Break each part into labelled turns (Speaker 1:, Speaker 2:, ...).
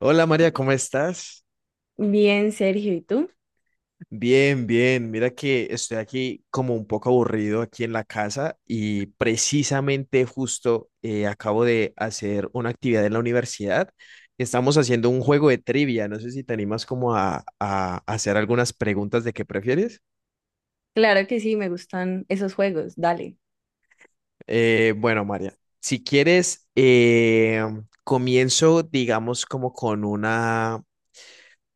Speaker 1: Hola María, ¿cómo estás?
Speaker 2: Bien, Sergio, ¿y tú?
Speaker 1: Bien, bien. Mira que estoy aquí como un poco aburrido aquí en la casa y precisamente justo acabo de hacer una actividad en la universidad. Estamos haciendo un juego de trivia. No sé si te animas como a hacer algunas preguntas de qué prefieres.
Speaker 2: Claro que sí, me gustan esos juegos, dale.
Speaker 1: Bueno, María, si quieres, comienzo digamos como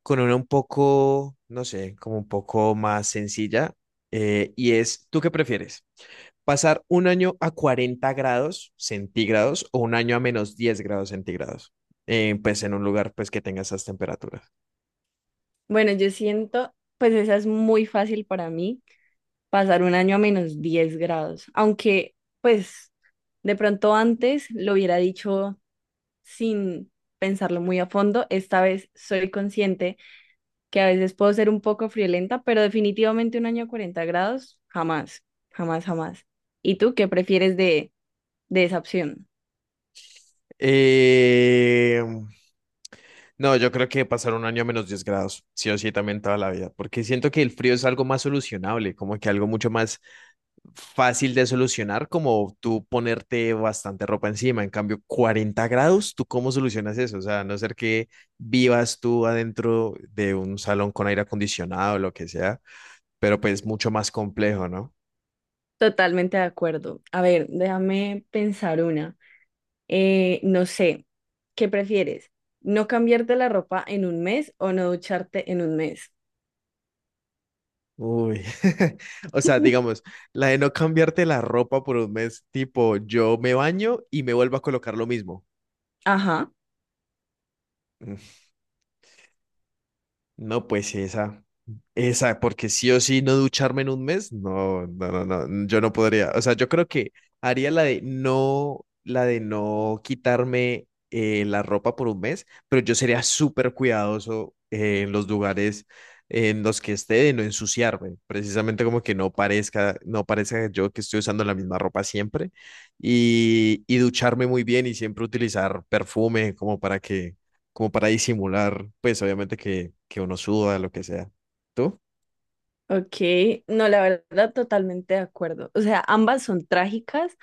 Speaker 1: con una un poco, no sé, como un poco más sencilla, y es, ¿tú qué prefieres? ¿Pasar un año a 40 grados centígrados o un año a menos 10 grados centígrados? Pues en un lugar pues que tenga esas temperaturas.
Speaker 2: Bueno, yo siento, pues esa es muy fácil para mí, pasar un año a menos 10 grados, aunque pues de pronto antes lo hubiera dicho sin pensarlo muy a fondo, esta vez soy consciente que a veces puedo ser un poco friolenta, pero definitivamente un año a 40 grados, jamás, jamás, jamás. ¿Y tú qué prefieres de esa opción?
Speaker 1: Eh, no, yo creo que pasar un año a menos 10 grados, sí o sí, también toda la vida, porque siento que el frío es algo más solucionable, como que algo mucho más fácil de solucionar como tú ponerte bastante ropa encima. En cambio, 40 grados, ¿tú cómo solucionas eso? O sea, a no ser que vivas tú adentro de un salón con aire acondicionado o lo que sea, pero pues mucho más complejo, ¿no?
Speaker 2: Totalmente de acuerdo. A ver, déjame pensar una. No sé, ¿qué prefieres? ¿No cambiarte la ropa en un mes o no ducharte en un mes?
Speaker 1: Uy, o sea, digamos, la de no cambiarte la ropa por un mes, tipo, yo me baño y me vuelvo a colocar lo mismo.
Speaker 2: Ajá,
Speaker 1: Mm, No, pues sí, esa, porque sí o sí no ducharme en un mes, no, no, no, no, yo no podría. O sea, yo creo que haría la de no quitarme la ropa por un mes, pero yo sería súper cuidadoso en los lugares en los que esté de no ensuciarme, precisamente como que no parezca, no parezca yo que estoy usando la misma ropa siempre y ducharme muy bien y siempre utilizar perfume como para que como para disimular, pues obviamente que uno suda, lo que sea. ¿Tú?
Speaker 2: ok. No, la verdad, totalmente de acuerdo. O sea, ambas son trágicas,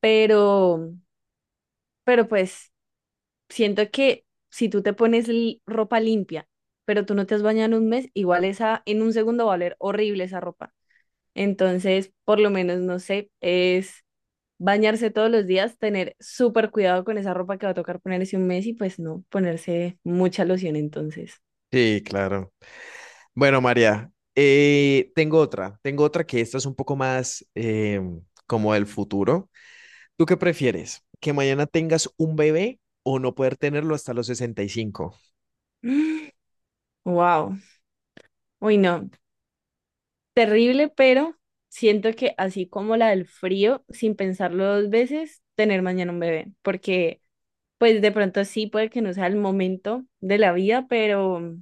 Speaker 2: pero, pero pues siento que si tú te pones ropa limpia, pero tú no te has bañado en un mes, igual esa en un segundo va a oler horrible esa ropa. Entonces, por lo menos, no sé, es bañarse todos los días, tener súper cuidado con esa ropa que va a tocar ponerse un mes y pues no ponerse mucha loción entonces.
Speaker 1: Sí, claro. Bueno, María, tengo otra que esta es un poco más como del futuro. ¿Tú qué prefieres? ¿Que mañana tengas un bebé o no poder tenerlo hasta los 65?
Speaker 2: Wow. Uy, no. Terrible, pero siento que así como la del frío, sin pensarlo dos veces, tener mañana un bebé, porque pues de pronto sí puede que no sea el momento de la vida, pero,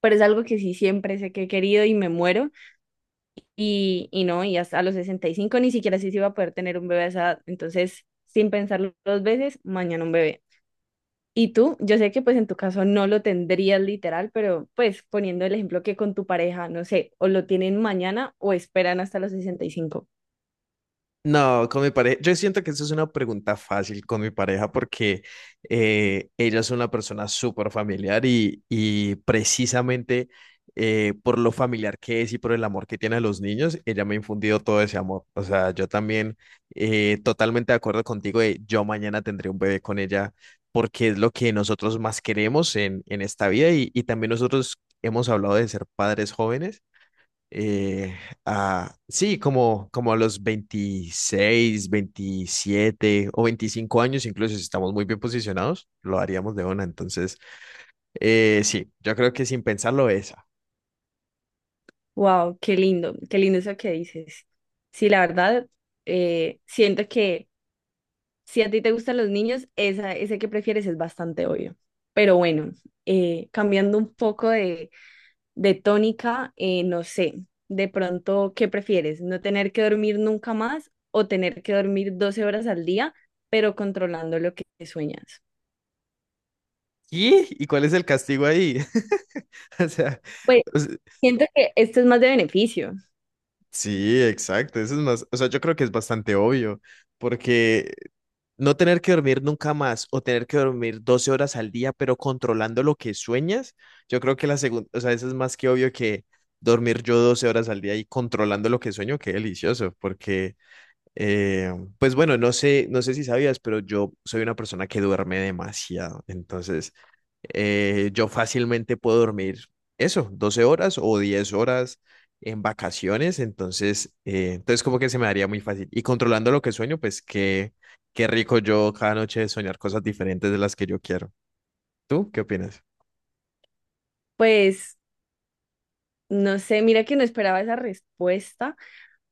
Speaker 2: pero es algo que sí siempre sé que he querido y me muero. Y no, y hasta a los 65 ni siquiera así se iba a poder tener un bebé a esa edad. Entonces, sin pensarlo dos veces, mañana un bebé. Y tú, yo sé que pues en tu caso no lo tendrías literal, pero pues poniendo el ejemplo que con tu pareja, no sé, o lo tienen mañana o esperan hasta los 65.
Speaker 1: No, con mi pareja, yo siento que eso es una pregunta fácil con mi pareja porque ella es una persona súper familiar y precisamente por lo familiar que es y por el amor que tiene a los niños, ella me ha infundido todo ese amor. O sea, yo también totalmente de acuerdo contigo de yo mañana tendré un bebé con ella porque es lo que nosotros más queremos en esta vida y también nosotros hemos hablado de ser padres jóvenes. Eh, sí, como, como a los 26 27 o 25 años, incluso si estamos muy bien posicionados, lo haríamos de una. Entonces, sí, yo creo que sin pensarlo esa.
Speaker 2: Wow, qué lindo eso que dices. Sí, la verdad, siento que si a ti te gustan los niños, ese que prefieres es bastante obvio. Pero bueno, cambiando un poco de tónica, no sé, de pronto, ¿qué prefieres? ¿No tener que dormir nunca más o tener que dormir 12 horas al día, pero controlando lo que sueñas?
Speaker 1: ¿Y? ¿Y cuál es el castigo ahí? O sea,
Speaker 2: Pues siento que esto es más de beneficio.
Speaker 1: sí, exacto. Eso es más, o sea, yo creo que es bastante obvio, porque no tener que dormir nunca más o tener que dormir 12 horas al día, pero controlando lo que sueñas, yo creo que la segunda, o sea, eso es más que obvio que dormir yo 12 horas al día y controlando lo que sueño, qué delicioso, porque eh, pues bueno, no sé, no sé si sabías, pero yo soy una persona que duerme demasiado. Entonces, yo fácilmente puedo dormir eso, 12 horas o 10 horas en vacaciones. Entonces, entonces como que se me daría muy fácil. Y controlando lo que sueño, pues qué, qué rico yo cada noche soñar cosas diferentes de las que yo quiero. ¿Tú qué opinas?
Speaker 2: Pues no sé, mira que no esperaba esa respuesta,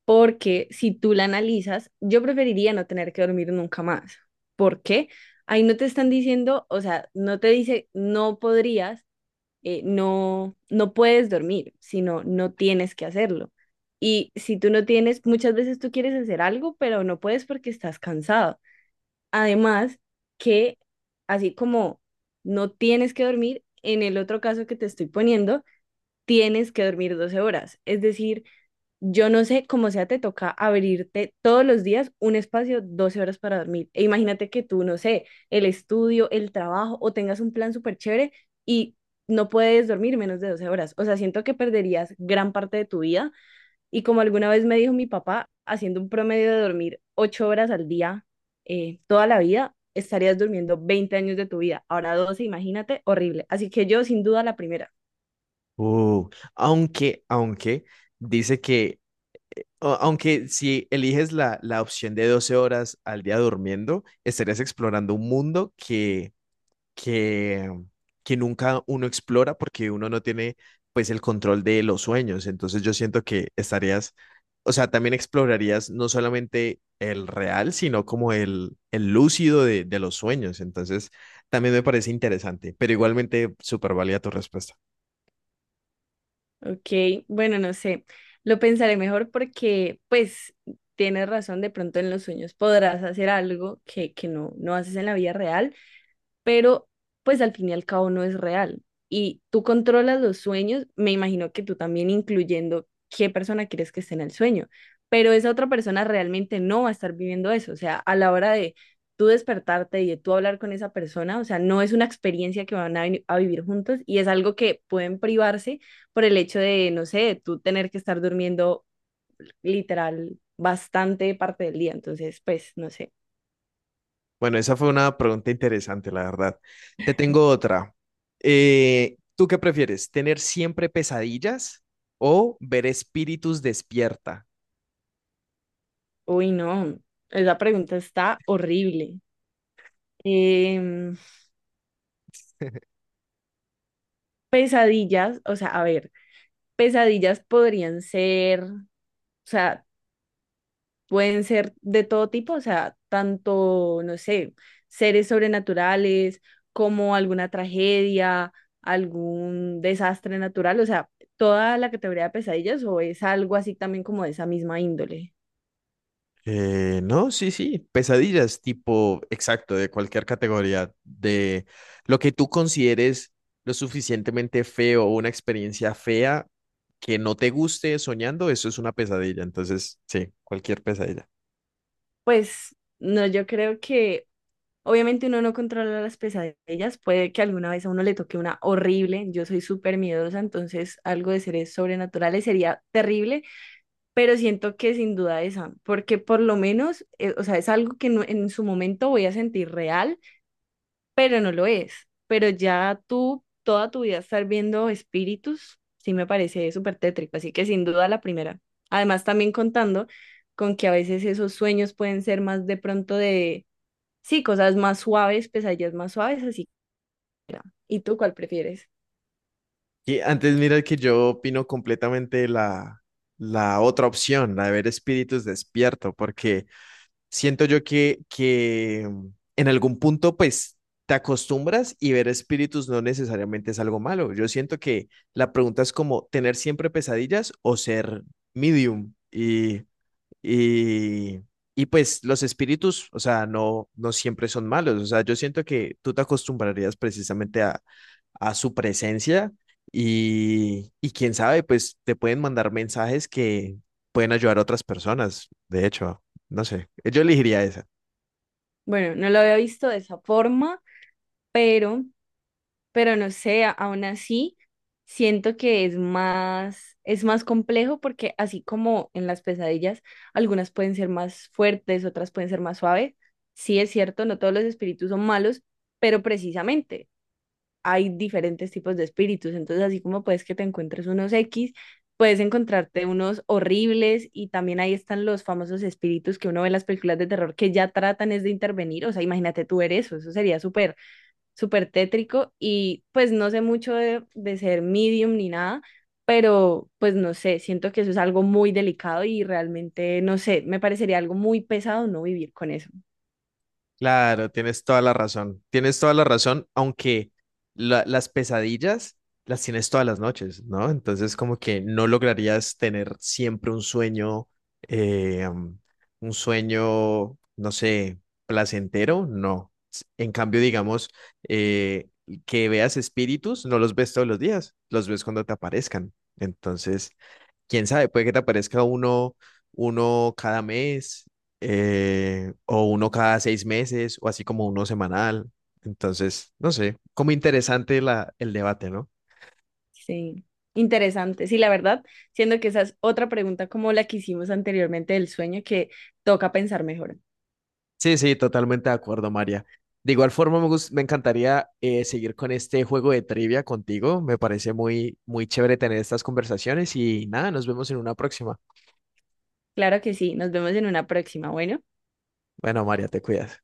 Speaker 2: porque si tú la analizas, yo preferiría no tener que dormir nunca más. ¿Por qué? Ahí no te están diciendo, o sea, no te dice no podrías, no puedes dormir, sino no tienes que hacerlo. Y si tú no tienes, muchas veces tú quieres hacer algo, pero no puedes porque estás cansado. Además, que así como no tienes que dormir, en el otro caso que te estoy poniendo, tienes que dormir 12 horas. Es decir, yo no sé cómo sea, te toca abrirte todos los días un espacio, 12 horas para dormir. E imagínate que tú, no sé, el estudio, el trabajo o tengas un plan súper chévere y no puedes dormir menos de 12 horas. O sea, siento que perderías gran parte de tu vida. Y como alguna vez me dijo mi papá, haciendo un promedio de dormir 8 horas al día toda la vida, estarías durmiendo 20 años de tu vida. Ahora 12 imagínate, horrible. Así que yo, sin duda, la primera.
Speaker 1: Uh, aunque, aunque dice que aunque si eliges la, la opción de 12 horas al día durmiendo, estarías explorando un mundo que, que nunca uno explora porque uno no tiene pues el control de los sueños. Entonces yo siento que estarías, o sea, también explorarías no solamente el real, sino como el lúcido de los sueños. Entonces también me parece interesante, pero igualmente súper válida tu respuesta.
Speaker 2: Ok, bueno, no sé, lo pensaré mejor porque pues tienes razón, de pronto en los sueños podrás hacer algo que no haces en la vida real pero pues al fin y al cabo no es real. Y tú controlas los sueños, me imagino que tú también incluyendo qué persona quieres que esté en el sueño, pero esa otra persona realmente no va a estar viviendo eso, o sea, a la hora de tú despertarte y de tú hablar con esa persona, o sea, no es una experiencia que van a vivir juntos y es algo que pueden privarse por el hecho de, no sé, de tú tener que estar durmiendo literal bastante parte del día, entonces, pues, no sé.
Speaker 1: Bueno, esa fue una pregunta interesante, la verdad. Te tengo otra. ¿Tú qué prefieres? ¿Tener siempre pesadillas o ver espíritus despierta?
Speaker 2: Uy, no, esa pregunta está horrible. Em, Pesadillas, o sea, a ver, pesadillas podrían ser, o sea, pueden ser de todo tipo, o sea, tanto, no sé, seres sobrenaturales como alguna tragedia, algún desastre natural, o sea, toda la categoría de pesadillas o es algo así también como de esa misma índole.
Speaker 1: No, sí, sí, pesadillas, tipo, exacto, de cualquier categoría, de lo que tú consideres lo suficientemente feo o una experiencia fea que no te guste soñando, eso es una pesadilla. Entonces, sí, cualquier pesadilla.
Speaker 2: Pues no, yo creo que obviamente uno no controla las pesadillas, puede que alguna vez a uno le toque una horrible, yo soy súper miedosa, entonces algo de seres sobrenaturales sería terrible, pero siento que sin duda esa, porque por lo menos, o sea, es algo que en su momento voy a sentir real, pero no lo es, pero ya tú toda tu vida estar viendo espíritus, sí me parece súper tétrico, así que sin duda la primera. Además también contando con que a veces esos sueños pueden ser más de pronto. De Sí, cosas más suaves, pesadillas más suaves, así que era. ¿Y tú cuál prefieres?
Speaker 1: Y antes mira que yo opino completamente la, la otra opción, la de ver espíritus despierto, porque siento yo que en algún punto pues te acostumbras y ver espíritus no necesariamente es algo malo. Yo siento que la pregunta es como tener siempre pesadillas o ser medium. Y, y pues los espíritus, o sea, no, no siempre son malos. O sea, yo siento que tú te acostumbrarías precisamente a su presencia y quién sabe, pues te pueden mandar mensajes que pueden ayudar a otras personas. De hecho, no sé, yo elegiría esa.
Speaker 2: Bueno, no lo había visto de esa forma, pero, pero no sé, aún así siento que es más complejo porque así como en las pesadillas, algunas pueden ser más fuertes, otras pueden ser más suaves. Sí es cierto, no todos los espíritus son malos, pero precisamente hay diferentes tipos de espíritus. Entonces, así como puedes que te encuentres unos X, puedes encontrarte unos horribles y también ahí están los famosos espíritus que uno ve en las películas de terror que ya tratan es de intervenir. O sea, imagínate tú ver eso, eso sería súper, súper tétrico y pues no sé mucho de ser medium ni nada. Pero, pues no sé, siento que eso es algo muy delicado y realmente, no sé, me parecería algo muy pesado no vivir con eso.
Speaker 1: Claro, tienes toda la razón. Tienes toda la razón, aunque las pesadillas las tienes todas las noches, ¿no? Entonces, como que no lograrías tener siempre un sueño, eh, um, un sueño, no sé, placentero, no. En cambio, digamos, eh, que veas espíritus, no los ves todos los días, los ves cuando te aparezcan. Entonces, quién sabe, puede que te aparezca uno, uno cada mes, o uno cada 6 meses, o así como uno semanal. Entonces, no sé, como interesante la, el debate, ¿no?
Speaker 2: Sí, interesante. Sí, la verdad, siendo que esa es otra pregunta como la que hicimos anteriormente del sueño que toca pensar mejor.
Speaker 1: Sí, sí, totalmente de acuerdo, María. De igual forma, me, me encantaría seguir con este juego de trivia contigo. Me parece muy, muy chévere tener estas conversaciones y nada, nos vemos en una próxima.
Speaker 2: Claro que sí, nos vemos en una próxima. Bueno.
Speaker 1: Bueno, María, te cuidas.